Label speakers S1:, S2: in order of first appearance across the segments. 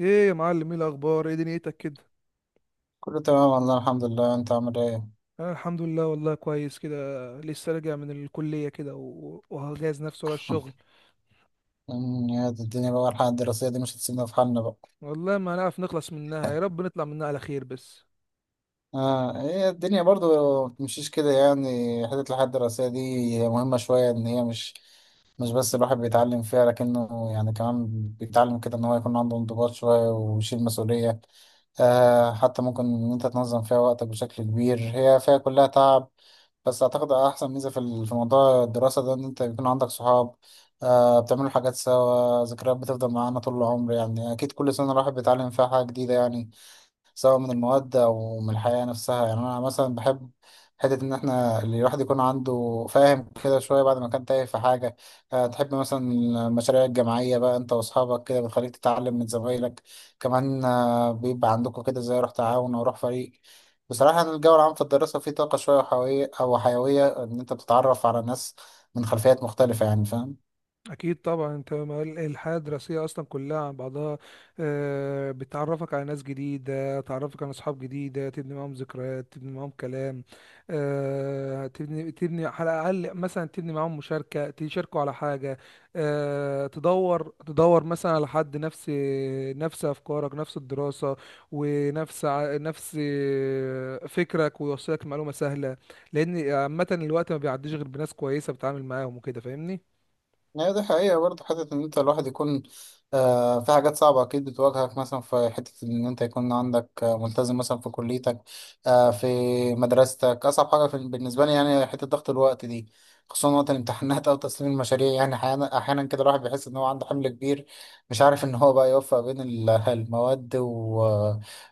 S1: ايه يا معلم، ايه الاخبار، ايه دنيتك كده.
S2: كله تمام والله، الحمد لله. انت عامل ايه؟
S1: انا الحمد لله والله كويس كده. لسه راجع من الكليه كده وهجهز نفسي ورا الشغل.
S2: يا دي الدنيا، بقى الحياة الدراسية دي مش هتسيبنا في حالنا بقى.
S1: والله ما هنعرف نخلص منها، يا رب نطلع منها على خير بس.
S2: اه، هي الدنيا برضو ما بتمشيش كده يعني. حتة الحياة الدراسية دي هي مهمة شوية، ان هي مش بس الواحد بيتعلم فيها، لكنه يعني كمان بيتعلم كده ان هو يكون عنده انضباط شوية ويشيل مسؤولية. آه، حتى ممكن ان انت تنظم فيها وقتك بشكل كبير. هي فيها كلها تعب، بس اعتقد احسن ميزة في موضوع الدراسة ده ان انت بيكون عندك صحاب. آه، بتعملوا حاجات سوا، ذكريات بتفضل معانا طول العمر. يعني اكيد كل سنة الواحد بيتعلم فيها حاجة جديدة يعني، سواء من المواد أو من الحياة نفسها. يعني أنا مثلا بحب حتة إن إحنا الواحد يكون عنده فاهم كده شوية بعد ما كان تايه في حاجة. تحب مثلا المشاريع الجماعية بقى. أنت وأصحابك كده بتخليك تتعلم من زمايلك. كمان بيبقى عندكم كده زي روح تعاون أو روح فريق. بصراحة، أنا الجو العام في الدراسة فيه طاقة شوية وحيوية، أو حيوية إن أنت بتتعرف على ناس من خلفيات مختلفة يعني. فاهم؟
S1: اكيد طبعا انت الحياه الدراسيه اصلا كلها عن بعضها. بتعرفك على ناس جديده، تعرفك على اصحاب جديده، تبني معاهم ذكريات، تبني معاهم كلام. تبني على الاقل مثلا تبني معاهم مشاركه، تشاركوا على حاجه. تدور مثلا على حد نفس نفس افكارك، نفس الدراسه ونفس ع- نفس فكرك، ويوصلك معلومه سهله. لان عامه الوقت ما بيعديش غير بناس كويسه بتتعامل معاهم وكده، فاهمني.
S2: هي دي حقيقة برضه. حتة إن أنت الواحد يكون في حاجات صعبة أكيد بتواجهك، مثلا في حتة إن أنت يكون عندك ملتزم مثلا في كليتك، في مدرستك. أصعب حاجة في بالنسبة لي يعني حتة ضغط الوقت دي، خصوصا وقت الامتحانات أو تسليم المشاريع. يعني أحيانا أحيانا كده الواحد بيحس إن هو عنده حمل كبير، مش عارف إن هو بقى يوفق بين المواد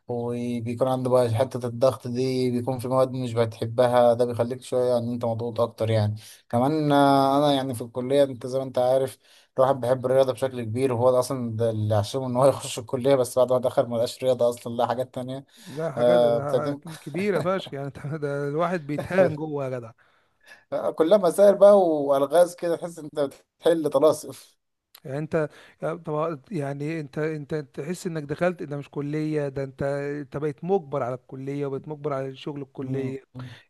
S2: وبيكون عنده بقى حتة الضغط دي. بيكون في مواد مش بتحبها ده بيخليك شوية إن أنت مضغوط أكتر يعني. كمان انا يعني في الكليه، انت زي ما انت عارف، الواحد بيحب الرياضه بشكل كبير، وهو ده اصلا ده اللي عشمه ان هو يخش الكليه. بس بعد ما دخل ما لقاش رياضه اصلا، لا حاجات تانية.
S1: لا، حاجات
S2: آه، بتقدم
S1: كبيرة فشخ يعني انت ده الواحد بيتهان جوه يا جدع.
S2: كلها مسائل بقى والغاز كده، تحس انت بتحل طلاسم.
S1: يعني انت، طب يعني انت تحس انك دخلت ده مش كلية؟ ده انت بقيت مجبر على الكلية، وبقيت مجبر على شغل
S2: مم.
S1: الكلية.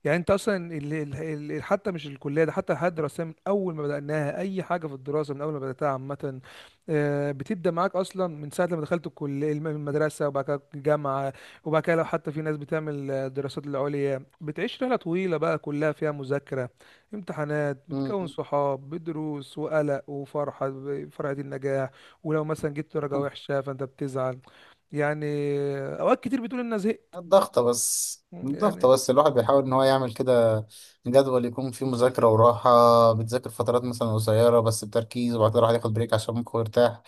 S1: يعني انت اصلا حتى مش الكليه، ده حتى الحياه الدراسيه من اول ما بداناها، اي حاجه في الدراسه من اول ما بداتها عامه. بتبدا معاك اصلا من ساعه لما دخلت الكليه، المدرسه، وبعد كده الجامعه، وبعد كده لو حتى في ناس بتعمل دراسات العليا، بتعيش رحله طويله بقى كلها فيها مذاكره، امتحانات، بتكون
S2: مم.
S1: صحاب بدروس، وقلق، وفرحه فرحه النجاح. ولو مثلا جبت درجه وحشه فانت بتزعل. يعني اوقات كتير بتقول ان أنا زهقت.
S2: الضغطة بس الضغطة
S1: يعني
S2: بس الواحد بيحاول إن هو يعمل كده جدول يكون فيه مذاكرة وراحة. بتذاكر فترات مثلا قصيرة بس بتركيز، وبعد كده الواحد ياخد بريك عشان ممكن يرتاح.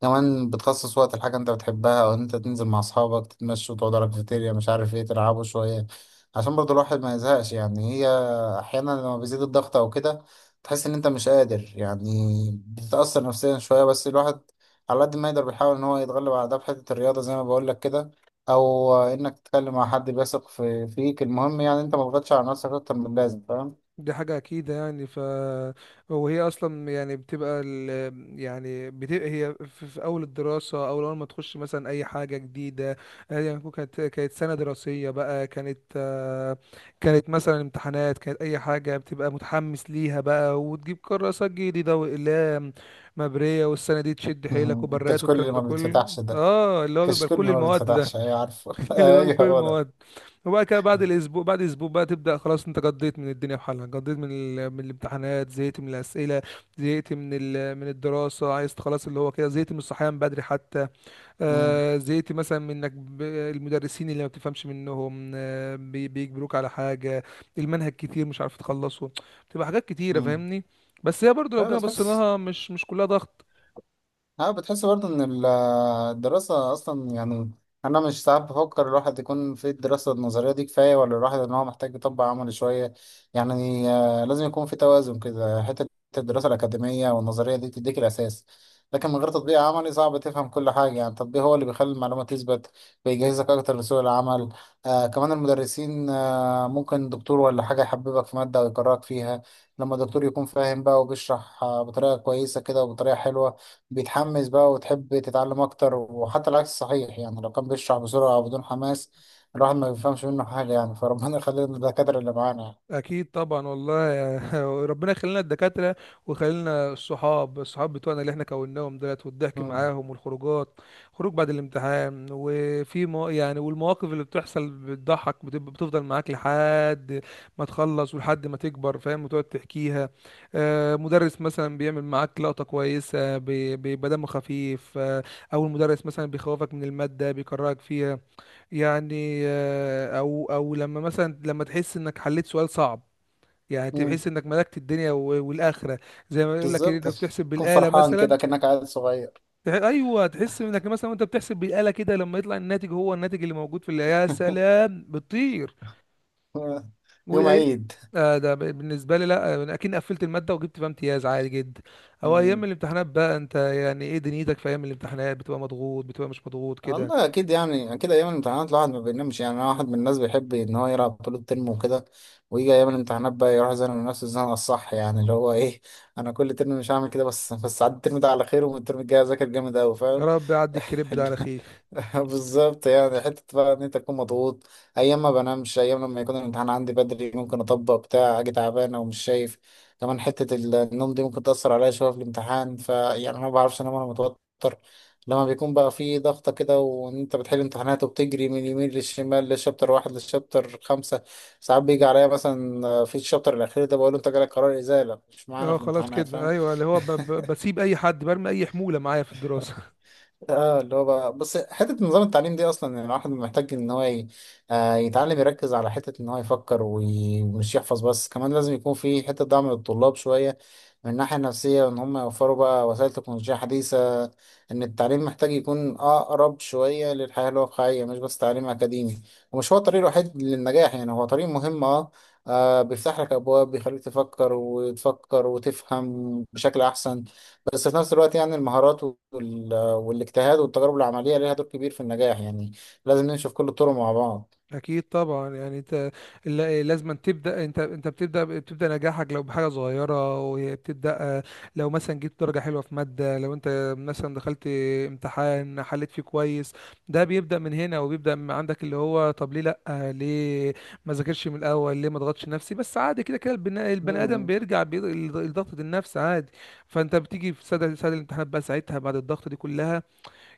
S2: كمان بتخصص وقت الحاجة انت بتحبها، او انت تنزل مع اصحابك تتمشوا، تقعدوا على الكافيتيريا، مش عارف ايه، تلعبوا شوية، عشان برضو الواحد ما يزهقش يعني. هي احيانا لما بيزيد الضغط او كده، تحس ان انت مش قادر يعني، بتتأثر نفسيا شوية. بس الواحد على قد ما يقدر بيحاول ان هو يتغلب على ده في حتة الرياضة زي ما بقول لك كده، او انك تتكلم مع حد بيثق فيك. المهم يعني انت ما تضغطش على نفسك اكتر من اللازم. فاهم؟
S1: دي حاجة أكيد يعني ف، وهي أصلا يعني بتبقى ال... يعني بتبقى هي في أول الدراسة أو أول ما تخش مثلا أي حاجة جديدة. هي يعني كانت سنة دراسية بقى، كانت كانت مثلا امتحانات، كانت أي حاجة بتبقى متحمس ليها بقى، وتجيب كراسات جديدة وأقلام مبرية، والسنة دي تشد حيلك، وبرات،
S2: الكشكول اللي
S1: والكلام ده
S2: ما
S1: كله.
S2: بيتفتحش ده.
S1: اه، اللي هو بيبقى
S2: الكشكول
S1: كل
S2: اللي ما
S1: المواد ده.
S2: بيتفتحش، ايوه عارفه
S1: اللي بيعمل كل
S2: ايوه هو
S1: المواد. وبعد كده بعد الاسبوع، بعد اسبوع بقى تبدا خلاص، انت قضيت من الدنيا بحالها، قضيت من ال... من الامتحانات، زهقت من الاسئله، زهقت من ال... من الدراسه، عايز خلاص اللي هو كده، زهقت من الصحيان بدري حتى.
S2: ده.
S1: زهقت مثلا من انك المدرسين اللي ما بتفهمش منهم، بيجبروك على حاجه، المنهج كتير مش عارف تخلصه، بتبقى حاجات كتيره،
S2: مم.
S1: فاهمني. بس هي برضو لو
S2: لا،
S1: جينا بصينا
S2: بتحس.
S1: لها، مش كلها ضغط.
S2: بتحس برضه ان الدراسة اصلا يعني، انا مش، ساعات بفكر الواحد يكون في الدراسة النظرية دي كفاية، ولا الواحد ان هو محتاج يطبق عملي شوية. يعني لازم يكون في توازن كده. حتة الدراسة الأكاديمية والنظرية دي تديك الأساس، لكن من غير تطبيق عملي صعب تفهم كل حاجة. يعني التطبيق هو اللي بيخلي المعلومة تثبت، بيجهزك أكتر لسوق العمل. كمان المدرسين، ممكن دكتور ولا حاجة يحببك في مادة ويكرهك فيها. لما الدكتور يكون فاهم بقى وبيشرح بطريقة كويسة كده وبطريقة حلوة، بيتحمس بقى وتحب تتعلم اكتر. وحتى العكس صحيح يعني، لو كان بيشرح بسرعة او بدون حماس الواحد ما بيفهمش منه حاجة يعني. فربنا يخلينا الدكاترة اللي معانا يعني.
S1: اكيد طبعا والله ربنا يخلينا الدكاتره، ويخلينا الصحاب، بتوعنا اللي احنا كوناهم دولت، والضحك
S2: مم.
S1: معاهم، والخروجات، خروج بعد الامتحان، وفي مو يعني، والمواقف اللي بتحصل بتضحك، بتبقى بتفضل معاك لحد ما تخلص ولحد ما تكبر، فاهم، وتقعد تحكيها. مدرس مثلا بيعمل معاك لقطه كويسه، بيبقى دمه خفيف، او المدرس مثلا بيخوفك من الماده، بيكرهك فيها. يعني او لما مثلا لما تحس انك حليت سؤال صعب، يعني
S2: مم.
S1: تحس انك ملكت الدنيا والاخره. زي ما يقول لك انك
S2: بالظبط
S1: بتحسب
S2: تكون
S1: بالاله
S2: فرحان
S1: مثلا.
S2: كده كأنك عيل صغير.
S1: ايوه، تحس انك مثلا وانت بتحسب بالاله كده، لما يطلع الناتج هو الناتج اللي موجود في اللي، يا سلام، بتطير.
S2: يوم
S1: وهي،
S2: عيد.
S1: آه ده بالنسبه لي، لا انا اكيد قفلت الماده وجبت فيها امتياز عادي جدا. او ايام الامتحانات بقى، انت يعني ايه دنيتك في ايام الامتحانات؟ بتبقى مضغوط، بتبقى مش مضغوط كده؟
S2: والله اكيد يعني، اكيد ايام الامتحانات الواحد ما بينامش يعني. انا واحد من الناس بيحب ان هو يلعب طول الترم وكده، ويجي ايام الامتحانات بقى يروح يزنق نفسه الزنقه الصح يعني، اللي هو ايه؟ انا كل ترم مش هعمل كده، بس عدي الترم ده على خير والترم الجاي اذاكر جامد قوي.
S1: يا
S2: فاهم؟
S1: رب يعدي الكريب ده على خير.
S2: بالظبط يعني، حته بقى ان انت تكون مضغوط، ايام ما بنامش. ايام لما يكون الامتحان عندي بدري ممكن اطبق بتاع اجي تعبان او مش شايف. كمان حته النوم دي ممكن تاثر عليا شويه في الامتحان. فيعني انا ما بعرفش انام وانا متوتر، لما بيكون بقى فيه ضغطة كده وان انت بتحل امتحانات وبتجري من اليمين للشمال، للشابتر 1 للشابتر 5. ساعات بيجي عليا مثلا في الشابتر الأخير ده بقول له انت جالك قرار إزالة مش معانا
S1: اه
S2: في
S1: خلاص
S2: الامتحانات.
S1: كده،
S2: فاهم؟
S1: ايوه، اللي هو بسيب اي حد برمي اي حموله معايا في الدراسه.
S2: اه، اللي هو بقى بس حته نظام التعليم دي اصلا يعني. الواحد محتاج ان هو يتعلم يركز على حته ان هو يفكر ومش يحفظ بس. كمان لازم يكون في حته دعم للطلاب شويه من الناحيه النفسيه، ان هم يوفروا بقى وسائل تكنولوجيه حديثه، ان التعليم محتاج يكون اقرب شويه للحياه الواقعيه، مش بس تعليم اكاديمي. ومش هو الطريق الوحيد للنجاح يعني، هو طريق مهم اه. بيفتح لك ابواب بيخليك تفكر وتفكر وتفهم بشكل احسن. بس في نفس الوقت يعني، المهارات وال والاجتهاد والتجارب العملية ليها دور كبير في النجاح يعني. لازم ننشف كل الطرق مع بعض.
S1: اكيد طبعا، يعني انت، لازم تبدا، انت بتبدا نجاحك لو بحاجه صغيره، وبتبدا لو مثلا جبت درجه حلوه في ماده، لو انت مثلا دخلت امتحان حليت فيه كويس، ده بيبدا من هنا وبيبدا من عندك، اللي هو طب ليه لا؟ ليه ما ذاكرش من الاول؟ ليه ما ضغطش نفسي؟ بس عادي كده، كده البني ادم
S2: مم.
S1: بيرجع لضغطه النفس عادي. فانت بتيجي في سد، الامتحانات بقى ساعتها بعد الضغط دي كلها،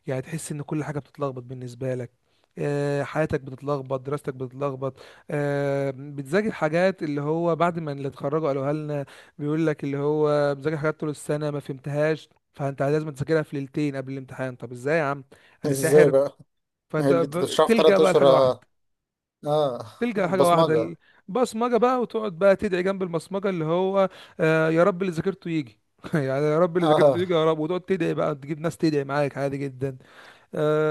S1: يعني تحس ان كل حاجه بتتلخبط بالنسبه لك. حياتك بتتلخبط، دراستك بتتلخبط. بتذاكر حاجات اللي هو بعد ما اللي اتخرجوا قالوها لنا، بيقول لك اللي هو بذاكر حاجات طول السنه ما فهمتهاش، فانت لازم تذاكرها في ليلتين قبل الامتحان. طب ازاي يا عم؟ انا
S2: ازاي
S1: ساحر؟
S2: بقى؟
S1: فانت
S2: اللي انت تشرحه في
S1: تلجأ
S2: تلات
S1: بقى
S2: اشهر
S1: لحاجه
S2: اه.
S1: واحده،
S2: آه،
S1: تلجأ لحاجه
S2: البصمجة.
S1: واحده، البصمجه بقى، وتقعد بقى تدعي جنب البصمجه اللي هو يا رب اللي ذاكرته يجي يعني يا رب اللي ذاكرته
S2: اه.
S1: يجي يا رب، وتقعد تدعي بقى، تجيب ناس تدعي معاك عادي جدا.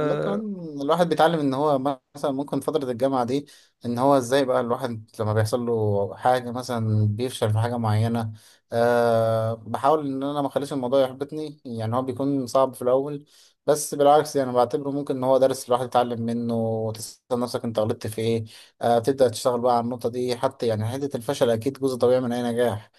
S2: لا، كمان الواحد بيتعلم ان هو، مثلا ممكن فترة الجامعة دي، ان هو ازاي بقى الواحد لما بيحصل له حاجة مثلا بيفشل في حاجة معينة. بحاول ان انا ما اخليش الموضوع يحبطني. يعني هو بيكون صعب في الاول، بس بالعكس يعني بعتبره ممكن ان هو درس الواحد يتعلم منه، وتسأل نفسك انت غلطت في ايه. تبدأ تشتغل بقى على النقطة دي، حتى يعني حتة الفشل اكيد جزء طبيعي من اي نجاح.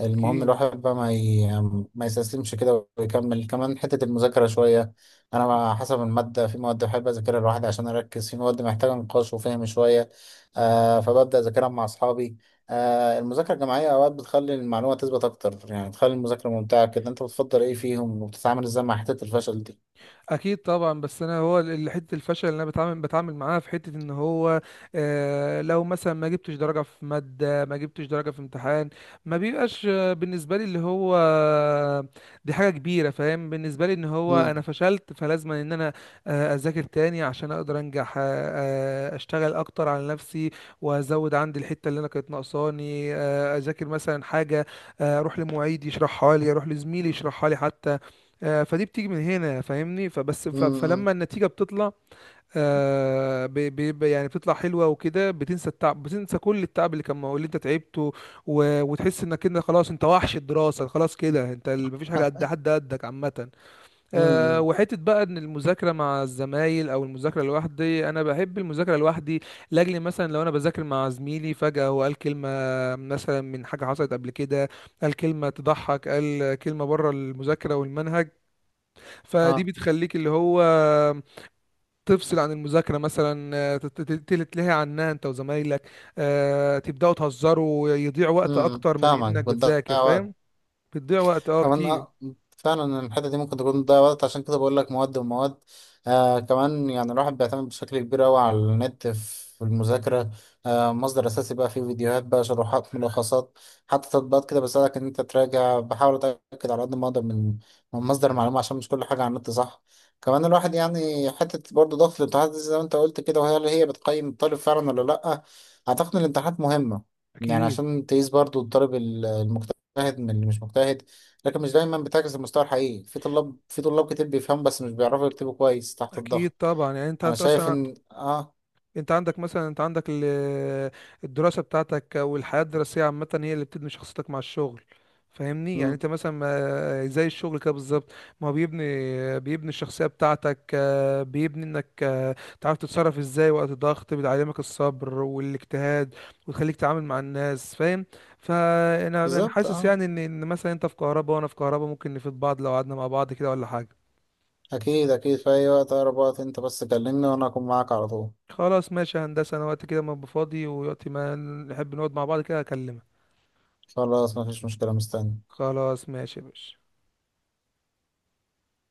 S2: المهم
S1: اكيد،
S2: الواحد بقى ما يستسلمش كده، ويكمل. كمان حتة المذاكرة شوية، انا حسب الماده، في مواد بحب اذاكرها لوحدي عشان اركز، في مواد محتاجه نقاش وفهم شويه، فببدا اذاكرها مع اصحابي. المذاكره الجماعيه اوقات بتخلي المعلومه تثبت اكتر، يعني تخلي المذاكره ممتعه كده. انت بتفضل ايه فيهم، وبتتعامل ازاي مع حته الفشل دي؟
S1: اكيد طبعا. بس انا هو حته الفشل اللي انا بتعامل معاها في حته ان هو لو مثلا ما جبتش درجه في ماده، ما جبتش درجه في امتحان، ما بيبقاش بالنسبه لي اللي هو دي حاجه كبيره، فاهم، بالنسبه لي ان هو انا
S2: امم.
S1: فشلت، فلازم ان انا اذاكر تاني عشان اقدر انجح. اشتغل اكتر على نفسي، وازود عندي الحته اللي انا كانت ناقصاني. اذاكر مثلا حاجه، اروح لمعيد يشرحها لي، اروح لزميلي يشرحها لي حتى. فدي بتيجي من هنا، فاهمني، فبس
S2: امم.
S1: فلما النتيجة بتطلع بيبقى يعني بتطلع حلوة وكده، بتنسى التعب، بتنسى كل التعب اللي كان اللي انت تعبته، وتحس انك انت خلاص، انت وحش الدراسة خلاص كده، انت مفيش حاجة قد حد قدك عامة.
S2: امم.
S1: وحتة بقى ان المذاكرة مع الزمايل او المذاكرة لوحدي، انا بحب المذاكرة لوحدي. لاجل مثلا لو انا بذاكر مع زميلي، فجأة هو قال كلمة مثلا من حاجة حصلت قبل كده، قال كلمة تضحك، قال كلمة بره المذاكرة والمنهج، فدي
S2: اه.
S1: بتخليك اللي هو تفصل عن المذاكرة مثلا. تتلهي عنها انت وزمايلك. تبدأوا تهزروا، يضيع وقت
S2: امم،
S1: اكتر من
S2: فاهمك
S1: انك بتذاكر،
S2: بتضيع وقت.
S1: فاهم. بتضيع وقت، اه،
S2: كمان
S1: كتير.
S2: اه، فعلا الحتة دي ممكن تكون تضيع وقت، عشان كده بقول لك مواد ومواد. كمان يعني الواحد بيعتمد بشكل كبير أوي على النت في المذاكرة. مصدر أساسي بقى، فيه فيديوهات بقى، شروحات، ملخصات، حتى تطبيقات كده بساعدك إن أنت تراجع. بحاول أتأكد على قد ما أقدر من مصدر المعلومة، عشان مش كل حاجة على النت صح. كمان الواحد يعني حتة برضه ضغط الامتحانات دي زي ما أنت قلت كده، وهي اللي هي بتقيم الطالب فعلا ولا لأ؟ أعتقد إن الامتحانات مهمة، يعني
S1: اكيد،
S2: عشان تقيس برضه الطالب المجتهد من اللي مش مجتهد. لكن مش دايما بتعكس المستوى الحقيقي. في طلاب كتير بيفهموا بس مش بيعرفوا يكتبوا كويس تحت
S1: اكيد
S2: الضغط.
S1: طبعا. يعني انت،
S2: انا
S1: انت
S2: شايف
S1: اصلا،
S2: ان اه.
S1: انت عندك مثلا، انت عندك الدراسة بتاعتك او الحياة الدراسية عامة هي اللي بتبني شخصيتك مع الشغل، فاهمني. يعني
S2: مم.
S1: انت مثلا زي الشغل كده بالظبط، ما هو بيبني الشخصية بتاعتك. بيبني انك تعرف تتصرف ازاي وقت الضغط، بيعلمك الصبر والاجتهاد، وتخليك تتعامل مع الناس، فاهم. فانا
S2: بالظبط
S1: حاسس
S2: اه.
S1: يعني ان مثلا انت في كهرباء وانا في كهرباء، ممكن نفيد بعض لو قعدنا مع بعض كده ولا حاجة.
S2: اكيد اكيد، في اي وقت، اقرب وقت انت بس كلمني وانا اكون معاك على طول.
S1: خلاص ماشي يا هندسة، أنا وقت كده ما أبقى فاضي ووقت ما نحب نقعد مع بعض كده أكلمك.
S2: خلاص مفيش مشكلة، مستني.
S1: خلاص ماشي يا باشا.